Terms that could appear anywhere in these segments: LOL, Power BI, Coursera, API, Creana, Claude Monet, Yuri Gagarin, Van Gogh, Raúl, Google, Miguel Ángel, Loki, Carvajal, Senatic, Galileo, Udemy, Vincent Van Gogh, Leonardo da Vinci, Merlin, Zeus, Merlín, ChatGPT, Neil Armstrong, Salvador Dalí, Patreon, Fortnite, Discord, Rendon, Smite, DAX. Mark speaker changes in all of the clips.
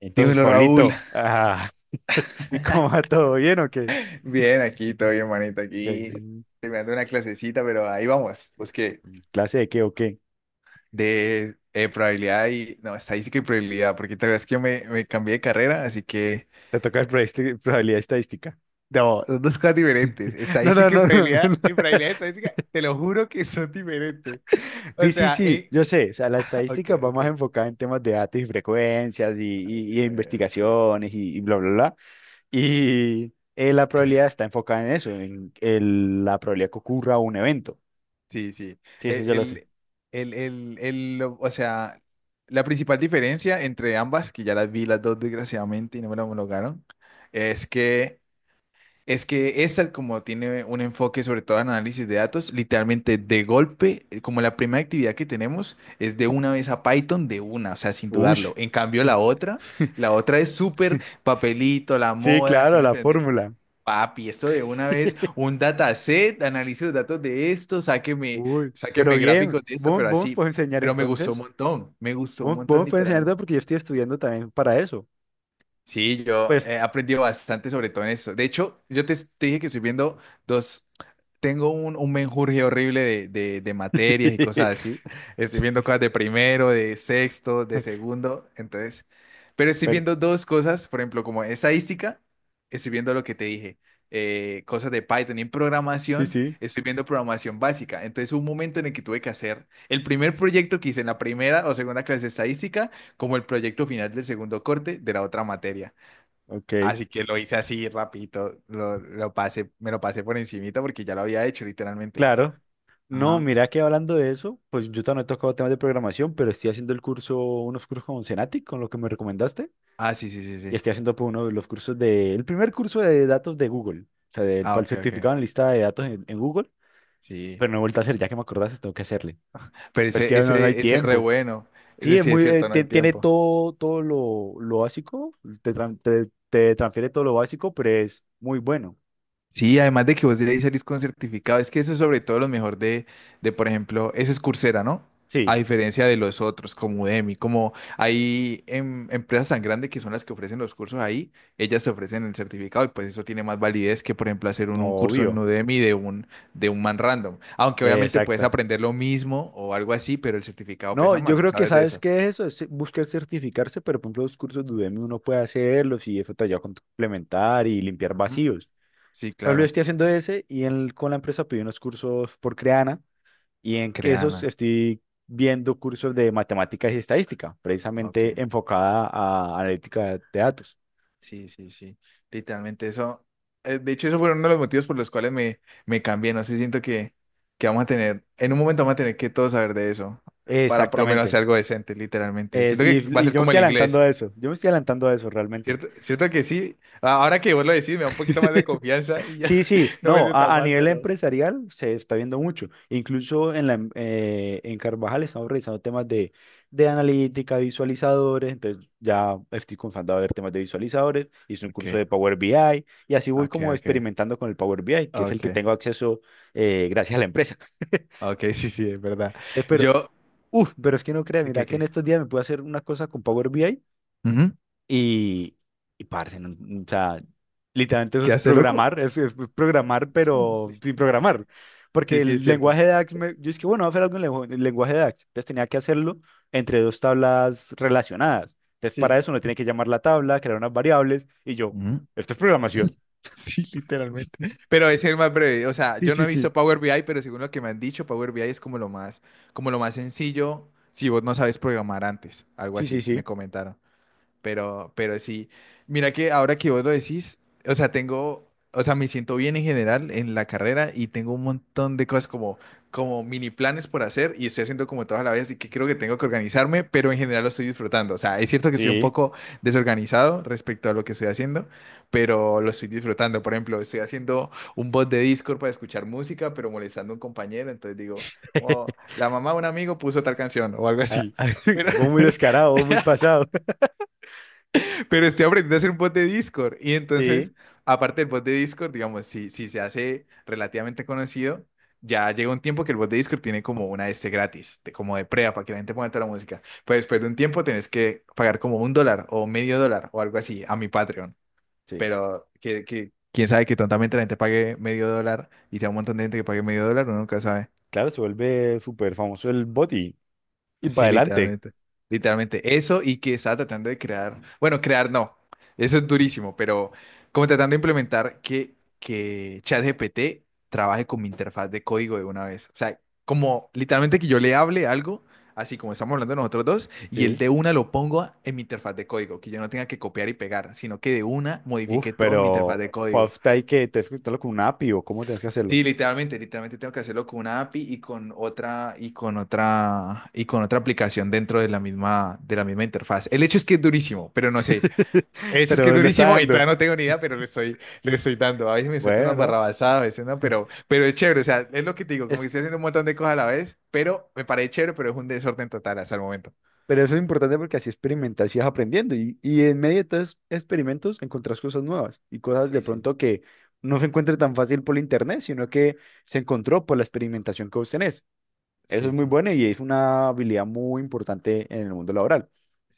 Speaker 1: Entonces,
Speaker 2: Dímelo, Raúl.
Speaker 1: Pablito, ¿cómo va todo bien o qué?
Speaker 2: Bien, aquí, todo bien, manito,
Speaker 1: ¿Qué-
Speaker 2: aquí terminando una clasecita, pero ahí vamos. Pues que
Speaker 1: ¿Clase de qué o qué?
Speaker 2: de probabilidad y, no, estadística y probabilidad, porque te ves que me cambié de carrera, así que,
Speaker 1: Te toca el probabilidad estadística.
Speaker 2: no, son dos cosas diferentes.
Speaker 1: No, no,
Speaker 2: Estadística y
Speaker 1: no, no,
Speaker 2: probabilidad, y
Speaker 1: no.
Speaker 2: probabilidad y estadística, te lo juro que son diferentes. O
Speaker 1: Sí, sí,
Speaker 2: sea,
Speaker 1: sí, yo sé. O sea, la
Speaker 2: ok,
Speaker 1: estadística va
Speaker 2: ok,
Speaker 1: más enfocada en temas de datos y frecuencias y,
Speaker 2: ok,
Speaker 1: y- y
Speaker 2: ok.
Speaker 1: investigaciones y bla, bla, bla. Y la probabilidad está enfocada en eso, en la probabilidad que ocurra un evento.
Speaker 2: Sí, sí.
Speaker 1: Sí, eso
Speaker 2: El,
Speaker 1: yo lo sé.
Speaker 2: el, el, el, o sea, la principal diferencia entre ambas, que ya las vi las dos desgraciadamente y no me la homologaron, es que es que esta como tiene un enfoque sobre todo en análisis de datos, literalmente de golpe, como la primera actividad que tenemos es de una vez a Python, de una, o sea, sin
Speaker 1: Ush.
Speaker 2: dudarlo. En cambio la otra es súper papelito, la
Speaker 1: Sí,
Speaker 2: moda, ¿sí
Speaker 1: claro,
Speaker 2: me
Speaker 1: la
Speaker 2: entendés?
Speaker 1: fórmula.
Speaker 2: Papi, esto de una vez, un dataset, analice los datos de esto, sáqueme,
Speaker 1: Uy, pero
Speaker 2: sáqueme
Speaker 1: bien,
Speaker 2: gráficos de esto,
Speaker 1: vos,
Speaker 2: pero
Speaker 1: vos me
Speaker 2: así,
Speaker 1: puedes enseñar
Speaker 2: pero me gustó un
Speaker 1: entonces.
Speaker 2: montón, me gustó un
Speaker 1: Vos
Speaker 2: montón.
Speaker 1: me puedes enseñar todo porque yo estoy estudiando también para eso.
Speaker 2: Sí, yo
Speaker 1: Pues,
Speaker 2: he aprendido bastante sobre todo en eso. De hecho, yo te dije que estoy viendo dos, tengo un menjurje horrible de materias y cosas así. Estoy viendo cosas de primero, de sexto, de segundo, entonces, pero estoy
Speaker 1: pero
Speaker 2: viendo dos cosas, por ejemplo, como estadística, estoy viendo lo que te dije, cosas de Python y en
Speaker 1: sí,
Speaker 2: programación,
Speaker 1: sí,
Speaker 2: estoy viendo programación básica. Entonces, hubo un momento en el que tuve que hacer el primer proyecto que hice en la primera o segunda clase de estadística como el proyecto final del segundo corte de la otra materia.
Speaker 1: ok,
Speaker 2: Así que lo hice así rapidito, lo pasé, me lo pasé por encimita porque ya lo había hecho literalmente.
Speaker 1: claro. No,
Speaker 2: Ajá.
Speaker 1: mira que hablando de eso, pues yo también he tocado temas de programación, pero estoy haciendo el curso, unos cursos con Senatic, con lo que me recomendaste,
Speaker 2: Ah, sí, sí, sí,
Speaker 1: y
Speaker 2: sí.
Speaker 1: estoy haciendo pues, uno de los cursos de, el primer curso de datos de Google, o sea, del,
Speaker 2: Ah,
Speaker 1: para el
Speaker 2: ok, ok.
Speaker 1: certificado en lista de datos en Google,
Speaker 2: Sí.
Speaker 1: pero no he vuelto a hacer, ya que me acordaste, tengo que hacerle.
Speaker 2: Pero
Speaker 1: Pues es que ya no, no hay
Speaker 2: ese es re
Speaker 1: tiempo.
Speaker 2: bueno. Es
Speaker 1: Sí, es
Speaker 2: decir, es
Speaker 1: muy,
Speaker 2: cierto, no hay
Speaker 1: tiene
Speaker 2: tiempo.
Speaker 1: todo, todo lo básico, te, transfiere todo lo básico, pero es muy bueno.
Speaker 2: Sí, además de que vos de ahí salís con certificado, es que eso es sobre todo lo mejor de, por ejemplo, ese es Coursera, ¿no? A
Speaker 1: Sí,
Speaker 2: diferencia de los otros, como Udemy, como hay empresas tan grandes que son las que ofrecen los cursos ahí, ellas te ofrecen el certificado y pues eso tiene más validez que, por ejemplo, hacer un curso en
Speaker 1: obvio.
Speaker 2: Udemy de un man random. Aunque obviamente puedes
Speaker 1: Exacta.
Speaker 2: aprender lo mismo o algo así, pero el certificado
Speaker 1: No,
Speaker 2: pesa
Speaker 1: yo
Speaker 2: más, vos
Speaker 1: creo que
Speaker 2: sabes de
Speaker 1: sabes
Speaker 2: eso.
Speaker 1: qué es eso, es buscar certificarse, pero por ejemplo los cursos de Udemy uno puede hacerlos y eso te ayuda a complementar y limpiar
Speaker 2: Ujú.
Speaker 1: vacíos.
Speaker 2: Sí,
Speaker 1: Por ejemplo, yo
Speaker 2: claro.
Speaker 1: estoy haciendo ese y con la empresa pedí unos cursos por Creana y en que esos
Speaker 2: Creana.
Speaker 1: estoy viendo cursos de matemáticas y estadística, precisamente
Speaker 2: Ok.
Speaker 1: enfocada a analítica de datos.
Speaker 2: Sí, sí, sí. Literalmente eso. De hecho, eso fue uno de los motivos por los cuales me cambié. No sé, siento que vamos a tener, en un momento vamos a tener que todos saber de eso. Para por lo menos
Speaker 1: Exactamente.
Speaker 2: hacer algo decente, literalmente.
Speaker 1: Es-
Speaker 2: Siento
Speaker 1: y,
Speaker 2: que va a
Speaker 1: y
Speaker 2: ser
Speaker 1: yo me
Speaker 2: como
Speaker 1: estoy
Speaker 2: el
Speaker 1: adelantando
Speaker 2: inglés.
Speaker 1: a eso, yo me estoy adelantando a eso realmente.
Speaker 2: ¿Cierto? Cierto que sí. A- Ahora que vos lo decís, me da un poquito más de confianza y ya
Speaker 1: Sí, sí,
Speaker 2: no me
Speaker 1: no,
Speaker 2: siento tan
Speaker 1: a
Speaker 2: mal,
Speaker 1: nivel
Speaker 2: pero.
Speaker 1: empresarial se está viendo mucho. Incluso en Carvajal estamos revisando temas de analítica, visualizadores, entonces ya estoy comenzando a ver temas de visualizadores, hice un
Speaker 2: Ok,
Speaker 1: curso de Power BI y así voy
Speaker 2: ok,
Speaker 1: como
Speaker 2: ok.
Speaker 1: experimentando con el Power BI, que es el que
Speaker 2: Ok.
Speaker 1: tengo acceso gracias a la empresa.
Speaker 2: Ok, sí, sí, es verdad.
Speaker 1: Espero.
Speaker 2: Yo.
Speaker 1: Uf, pero es que no creas,
Speaker 2: ¿De
Speaker 1: mira
Speaker 2: qué,
Speaker 1: que en
Speaker 2: qué?
Speaker 1: estos días me pude hacer una cosa con Power BI.
Speaker 2: Ujú.
Speaker 1: Y, y parce, no- no, o sea, literalmente eso es
Speaker 2: ¿Quedaste loco?
Speaker 1: programar, es programar,
Speaker 2: Sí,
Speaker 1: pero sin programar. Porque
Speaker 2: sí, sí, es
Speaker 1: el
Speaker 2: cierto.
Speaker 1: lenguaje de DAX, yo es que, bueno, voy a hacer algo en en lenguaje de DAX. Entonces tenía que hacerlo entre dos tablas relacionadas. Entonces para
Speaker 2: Sí.
Speaker 1: eso uno tiene que llamar la tabla, crear unas variables, y yo,
Speaker 2: Ujú.
Speaker 1: esto es programación.
Speaker 2: Sí, literalmente. Pero es el más breve. O sea,
Speaker 1: Sí,
Speaker 2: yo
Speaker 1: sí,
Speaker 2: no he
Speaker 1: sí.
Speaker 2: visto Power BI, pero según lo que me han dicho, Power BI es como lo más sencillo si vos no sabes programar antes. Algo
Speaker 1: Sí, sí,
Speaker 2: así,
Speaker 1: sí.
Speaker 2: me comentaron. Pero sí, mira que ahora que vos lo decís, o sea, tengo, o sea, me siento bien en general en la carrera y tengo un montón de cosas como, como mini planes por hacer y estoy haciendo como todas a la vez, así que creo que tengo que organizarme, pero en general lo estoy disfrutando. O sea, es cierto que estoy un
Speaker 1: Sí.
Speaker 2: poco desorganizado respecto a lo que estoy haciendo, pero lo estoy disfrutando. Por ejemplo, estoy haciendo un bot de Discord para escuchar música, pero molestando a un compañero, entonces digo, "Oh, la mamá de un amigo puso tal canción o algo
Speaker 1: Ah,
Speaker 2: así". Pero,
Speaker 1: Vos muy descarado, vos muy pasado.
Speaker 2: pero estoy aprendiendo a hacer un bot de Discord. Y entonces,
Speaker 1: Sí,
Speaker 2: aparte del bot de Discord, digamos, si se hace relativamente conocido, ya llega un tiempo que el bot de Discord tiene como una de este gratis, de- como de prueba, para que la gente ponga toda la música. Pero después de un tiempo tenés que pagar como un dólar o medio dólar o algo así a mi Patreon.
Speaker 1: sí.
Speaker 2: Pero que quién sabe que tontamente la gente pague medio dólar y sea un montón de gente que pague medio dólar, uno nunca sabe.
Speaker 1: Claro, se vuelve súper famoso el boti. Y para
Speaker 2: Sí,
Speaker 1: adelante.
Speaker 2: literalmente. Literalmente eso y que estaba tratando de crear, bueno, crear no, eso es durísimo, pero como tratando de implementar que ChatGPT trabaje con mi interfaz de código de una vez. O sea, como literalmente que yo le hable algo, así como estamos hablando nosotros dos, y el
Speaker 1: Sí.
Speaker 2: de una lo pongo en mi interfaz de código, que yo no tenga que copiar y pegar, sino que de una
Speaker 1: Uf,
Speaker 2: modifique todo en mi interfaz
Speaker 1: pero
Speaker 2: de código.
Speaker 1: puff, ¿hay que te escribirlo con un API o cómo tienes que hacerlo?
Speaker 2: Sí, literalmente, literalmente tengo que hacerlo con una API y con otra y con otra y con otra aplicación dentro de la misma interfaz. El hecho es que es durísimo, pero no sé. El hecho es que es
Speaker 1: Pero le está
Speaker 2: durísimo y
Speaker 1: dando.
Speaker 2: todavía no tengo ni idea, pero le estoy dando. A veces me suelto unas
Speaker 1: Bueno,
Speaker 2: barrabasadas, a veces no, pero es chévere, o sea, es lo que te digo, como que
Speaker 1: es,
Speaker 2: estoy haciendo un montón de cosas a la vez, pero me parece chévere, pero es un desorden total hasta el momento.
Speaker 1: pero eso es importante porque así experimentas y vas aprendiendo. Y en medio de todos esos experimentos encontrás cosas nuevas y cosas
Speaker 2: Sí,
Speaker 1: de
Speaker 2: sí,
Speaker 1: pronto que no se encuentra tan fácil por internet, sino que se encontró por la experimentación que vos tenés. Eso es
Speaker 2: sí,
Speaker 1: muy
Speaker 2: sí.
Speaker 1: bueno y es una habilidad muy importante en el mundo laboral.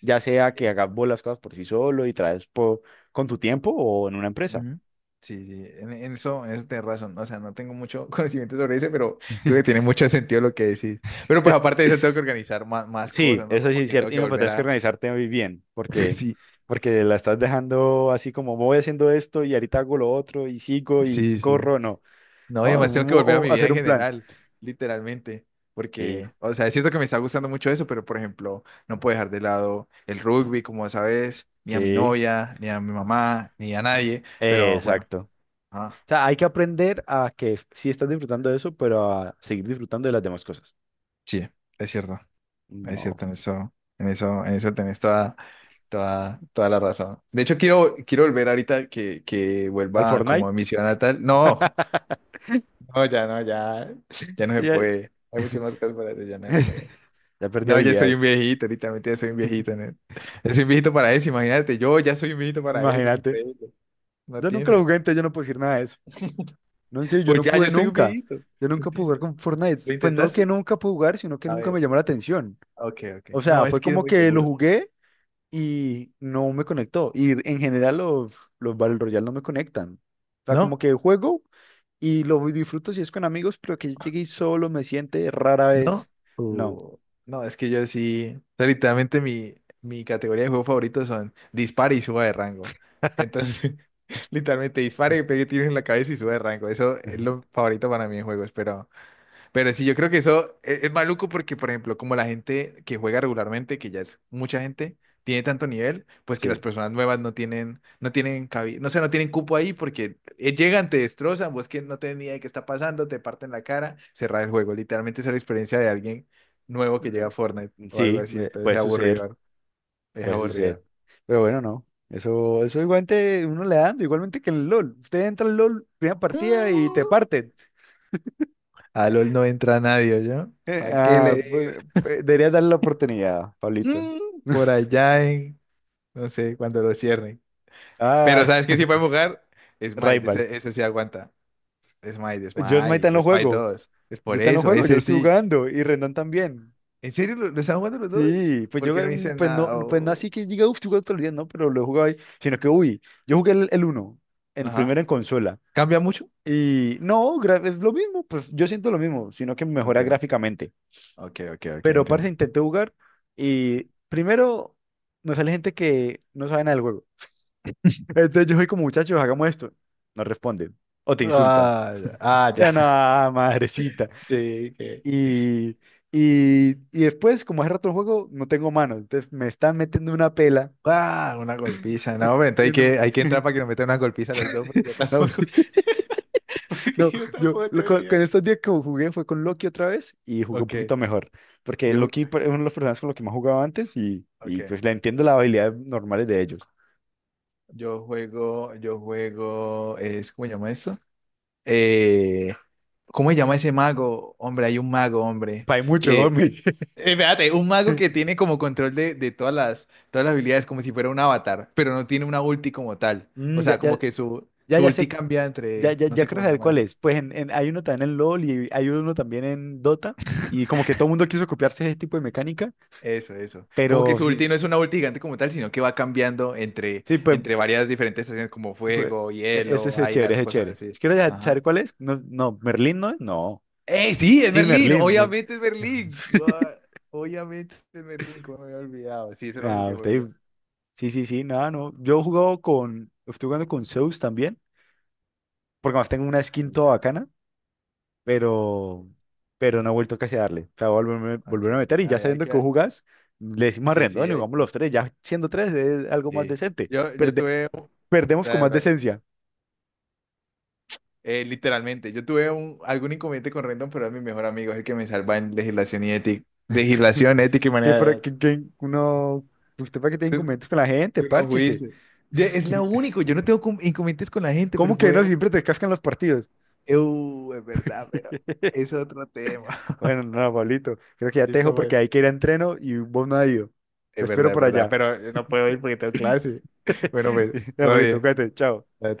Speaker 1: Ya sea que hagas vos las cosas por sí solo y traes con tu tiempo o en una empresa.
Speaker 2: Ujú. Sí, sí, en eso tenés razón. O sea, no tengo mucho conocimiento sobre eso, pero creo que tiene mucho sentido lo que decís. Pero pues aparte de eso tengo que organizar más, más
Speaker 1: Sí,
Speaker 2: cosas, ¿no?
Speaker 1: eso sí
Speaker 2: Como
Speaker 1: es
Speaker 2: que
Speaker 1: cierto.
Speaker 2: tengo
Speaker 1: Y
Speaker 2: que
Speaker 1: no, pero
Speaker 2: volver
Speaker 1: tienes que
Speaker 2: a...
Speaker 1: organizarte muy bien, porque,
Speaker 2: Sí,
Speaker 1: porque la estás dejando así como voy haciendo esto y ahorita hago lo otro y sigo y
Speaker 2: sí, sí.
Speaker 1: corro, no.
Speaker 2: No, y
Speaker 1: No,
Speaker 2: además tengo que volver a mi
Speaker 1: o
Speaker 2: vida
Speaker 1: hacer
Speaker 2: en
Speaker 1: un plan.
Speaker 2: general, literalmente.
Speaker 1: Sí,
Speaker 2: Porque, o sea, es cierto que me está gustando mucho eso, pero por ejemplo, no puedo dejar de lado el rugby, como sabes, ni a mi
Speaker 1: sí,
Speaker 2: novia, ni a mi mamá, ni a nadie. Pero bueno,
Speaker 1: exacto.
Speaker 2: ah,
Speaker 1: O sea, hay que aprender a que sí estás disfrutando de eso, pero a seguir disfrutando de las demás cosas.
Speaker 2: sí, es cierto. Es
Speaker 1: No.
Speaker 2: cierto, en eso, en eso, en eso tenés toda, toda, toda la razón. De hecho, quiero, quiero volver ahorita que
Speaker 1: Al
Speaker 2: vuelva
Speaker 1: Fortnite,
Speaker 2: como a mi ciudad natal. No, no, ya no, ya, ya no se
Speaker 1: ya,
Speaker 2: puede. Hay muchas más cosas para hacer, ya no se puede.
Speaker 1: ya perdí
Speaker 2: No, ya soy un
Speaker 1: habilidades.
Speaker 2: viejito, literalmente ya soy un viejito. ¿No? Ya soy un viejito para eso, imagínate, yo ya soy un viejito para eso, es
Speaker 1: Imagínate.
Speaker 2: increíble. No
Speaker 1: Yo
Speaker 2: tiene
Speaker 1: nunca lo jugué,
Speaker 2: sentido.
Speaker 1: entonces yo no puedo decir nada de eso. No, en serio, yo
Speaker 2: Pues
Speaker 1: no
Speaker 2: ya
Speaker 1: pude
Speaker 2: yo soy un
Speaker 1: nunca.
Speaker 2: viejito.
Speaker 1: Yo
Speaker 2: No
Speaker 1: nunca pude
Speaker 2: tiene
Speaker 1: jugar
Speaker 2: sentido.
Speaker 1: con Fortnite.
Speaker 2: ¿Lo
Speaker 1: Pues no que
Speaker 2: intentaste?
Speaker 1: nunca pude jugar, sino que
Speaker 2: A
Speaker 1: nunca me
Speaker 2: ver,
Speaker 1: llamó la atención.
Speaker 2: ok, ok.
Speaker 1: O
Speaker 2: No,
Speaker 1: sea,
Speaker 2: es
Speaker 1: fue
Speaker 2: que es
Speaker 1: como
Speaker 2: muy
Speaker 1: que lo
Speaker 2: duro.
Speaker 1: jugué y no me conectó. Y en general los Battle Royale no me conectan. O sea, como
Speaker 2: ¿No?
Speaker 1: que juego y lo disfruto si es con amigos, pero que yo llegue y solo me siente rara vez.
Speaker 2: ¿No?
Speaker 1: No.
Speaker 2: Uh, no, es que yo sí. O sea, literalmente mi, mi categoría de juego favorito son dispare y suba de rango. Entonces, literalmente dispare, pegue tiros en la cabeza y suba de rango. Eso es lo favorito para mí en juegos. Pero sí, yo creo que eso es maluco porque, por ejemplo, como la gente que juega regularmente, que ya es mucha gente, tiene tanto nivel, pues que las
Speaker 1: Sí.
Speaker 2: personas nuevas no tienen, no tienen cabida, no sé, no tienen cupo ahí porque llegan, te destrozan, vos que no tenés ni idea de qué está pasando, te parten la cara, cerrar el juego. Literalmente esa es la experiencia de alguien nuevo que llega a Fortnite o algo
Speaker 1: Sí,
Speaker 2: así, entonces
Speaker 1: puede
Speaker 2: es
Speaker 1: suceder.
Speaker 2: aburrido, ¿no? Es
Speaker 1: Puede
Speaker 2: aburrido.
Speaker 1: suceder. Pero bueno, no. Eso igualmente uno le da dando, igualmente que en el LOL. Usted entra al LOL, primera partida y te
Speaker 2: Mm,
Speaker 1: parten.
Speaker 2: a LOL no entra nadie, ¿yo? ¿Para qué le digo?
Speaker 1: Debería darle la oportunidad, Pablito.
Speaker 2: Mm, por allá en, no sé, cuando lo cierren. Pero
Speaker 1: Ah,
Speaker 2: ¿sabes qué sí puede jugar? Smite,
Speaker 1: Rival.
Speaker 2: ese sí aguanta. Smite,
Speaker 1: Yo Smite
Speaker 2: Smite,
Speaker 1: no
Speaker 2: Smite
Speaker 1: juego.
Speaker 2: dos. Por
Speaker 1: Yo tan no
Speaker 2: eso,
Speaker 1: juego, yo lo
Speaker 2: ese
Speaker 1: estoy
Speaker 2: sí.
Speaker 1: jugando. Y Rendón también.
Speaker 2: ¿En serio lo están jugando los dos?
Speaker 1: Sí, pues
Speaker 2: ¿Por
Speaker 1: yo
Speaker 2: qué no dicen nada?
Speaker 1: pues no así
Speaker 2: O-
Speaker 1: que diga, uff, estoy jugando todo el día, no, pero lo he jugado ahí. Sino que, uy, yo jugué el, uno el primero
Speaker 2: Ajá.
Speaker 1: en consola.
Speaker 2: ¿Cambia mucho?
Speaker 1: Y no, es lo mismo, pues yo siento lo mismo, sino que
Speaker 2: Ok,
Speaker 1: mejora gráficamente.
Speaker 2: ok, ok, ok,
Speaker 1: Pero parece
Speaker 2: entiendo.
Speaker 1: intenté jugar y primero me sale gente que no sabe nada del juego. Entonces yo soy como muchachos, hagamos esto. No responden o te insultan.
Speaker 2: Ah, ya. Ah, ya.
Speaker 1: Ya no, madrecita.
Speaker 2: Sí, que.
Speaker 1: Y, y después, como hace rato el juego, no tengo manos. Entonces me están metiendo una pela.
Speaker 2: Ah, una golpiza. No, hombre, entonces hay que entrar para que nos metan una golpiza a los dos, porque yo
Speaker 1: No,
Speaker 2: tampoco. Porque
Speaker 1: No,
Speaker 2: yo
Speaker 1: yo
Speaker 2: tampoco
Speaker 1: lo-
Speaker 2: tengo ni
Speaker 1: con, con
Speaker 2: idea.
Speaker 1: estos días que jugué fue con Loki otra vez y jugué un
Speaker 2: Ok,
Speaker 1: poquito mejor, porque
Speaker 2: yo,
Speaker 1: Loki es uno de los personajes con los que más jugaba antes y
Speaker 2: okay.
Speaker 1: pues le entiendo las habilidades normales de ellos.
Speaker 2: Yo juego, es, ¿cómo se llama eso? eh, ¿Cómo se llama ese mago? Hombre, hay un mago, hombre,
Speaker 1: Hay mucho,
Speaker 2: que,
Speaker 1: hombre.
Speaker 2: espérate, un mago que tiene como control de todas las habilidades, como si fuera un avatar, pero no tiene una ulti como tal. O
Speaker 1: Mm, ya,
Speaker 2: sea, como
Speaker 1: ya,
Speaker 2: que su,
Speaker 1: ya,
Speaker 2: su
Speaker 1: ya
Speaker 2: ulti
Speaker 1: sé,
Speaker 2: cambia
Speaker 1: ya,
Speaker 2: entre,
Speaker 1: ya,
Speaker 2: no
Speaker 1: ya
Speaker 2: sé
Speaker 1: creo
Speaker 2: cómo se
Speaker 1: saber
Speaker 2: llama
Speaker 1: cuál
Speaker 2: eso.
Speaker 1: es. Pues hay uno también en LOL y hay uno también en Dota y como que todo el mundo quiso copiarse ese tipo de mecánica,
Speaker 2: Eso, eso. Como que
Speaker 1: pero
Speaker 2: su
Speaker 1: sí,
Speaker 2: ulti no es una ulti gigante como tal, sino que va cambiando entre,
Speaker 1: sí, pues
Speaker 2: entre varias diferentes estaciones como
Speaker 1: fue-
Speaker 2: fuego,
Speaker 1: e- ese
Speaker 2: hielo,
Speaker 1: ese es chévere,
Speaker 2: aire,
Speaker 1: ese es
Speaker 2: cosas
Speaker 1: chévere.
Speaker 2: así.
Speaker 1: Quiero ya saber
Speaker 2: Ajá.
Speaker 1: cuál es. No, no, ¿Merlín no es? No.
Speaker 2: ¡Eh, sí, es
Speaker 1: Sí,
Speaker 2: Merlín!
Speaker 1: Merlín.
Speaker 2: Obviamente es Merlín. Gua- obviamente es Merlín, como me había olvidado. Sí, es el único
Speaker 1: Ah,
Speaker 2: que juego yo.
Speaker 1: sí, sí, sí, nada, no. Yo he jugado con, estoy jugando con Zeus también, porque además tengo una skin
Speaker 2: Ok,
Speaker 1: toda bacana, pero, pero no he vuelto casi a darle. O sea, voy a volverme,
Speaker 2: ok,
Speaker 1: volverme a
Speaker 2: ok.
Speaker 1: meter y ya
Speaker 2: Ay, hay
Speaker 1: sabiendo que vos
Speaker 2: que...
Speaker 1: jugás, le decimos a
Speaker 2: Sí, sí,
Speaker 1: Rendón y
Speaker 2: hay
Speaker 1: jugamos
Speaker 2: que...
Speaker 1: los tres, ya siendo tres es algo más
Speaker 2: Sí.
Speaker 1: decente.
Speaker 2: Yo
Speaker 1: Perde-
Speaker 2: tuve... un-
Speaker 1: Perdemos con
Speaker 2: bla,
Speaker 1: más
Speaker 2: bla, bla.
Speaker 1: decencia.
Speaker 2: Literalmente, yo tuve un, algún inconveniente con Rendon, pero es mi mejor amigo, es el que me salva en legislación y ética. Legislación, ética y
Speaker 1: Que,
Speaker 2: manera
Speaker 1: pro-
Speaker 2: de...
Speaker 1: que, que uno, usted para que tenga inconvenientes con la gente,
Speaker 2: Tú no
Speaker 1: párchese.
Speaker 2: fuiste. De los juicios. Ya, es lo único, yo no tengo inconvenientes con la gente, pero
Speaker 1: ¿Cómo que
Speaker 2: fue...
Speaker 1: no siempre te cascan los partidos?
Speaker 2: Es verdad, pero es otro tema.
Speaker 1: Bueno, no, Pablito, creo que ya te dejo
Speaker 2: Listo,
Speaker 1: porque
Speaker 2: pues.
Speaker 1: hay que ir a entreno y vos no has ido. Te espero
Speaker 2: Es
Speaker 1: por
Speaker 2: verdad,
Speaker 1: allá.
Speaker 2: pero no puedo ir porque tengo clase. Bueno, pues,
Speaker 1: Ya,
Speaker 2: todo
Speaker 1: Pablito,
Speaker 2: bien,
Speaker 1: cuídate, chao.
Speaker 2: todo bien.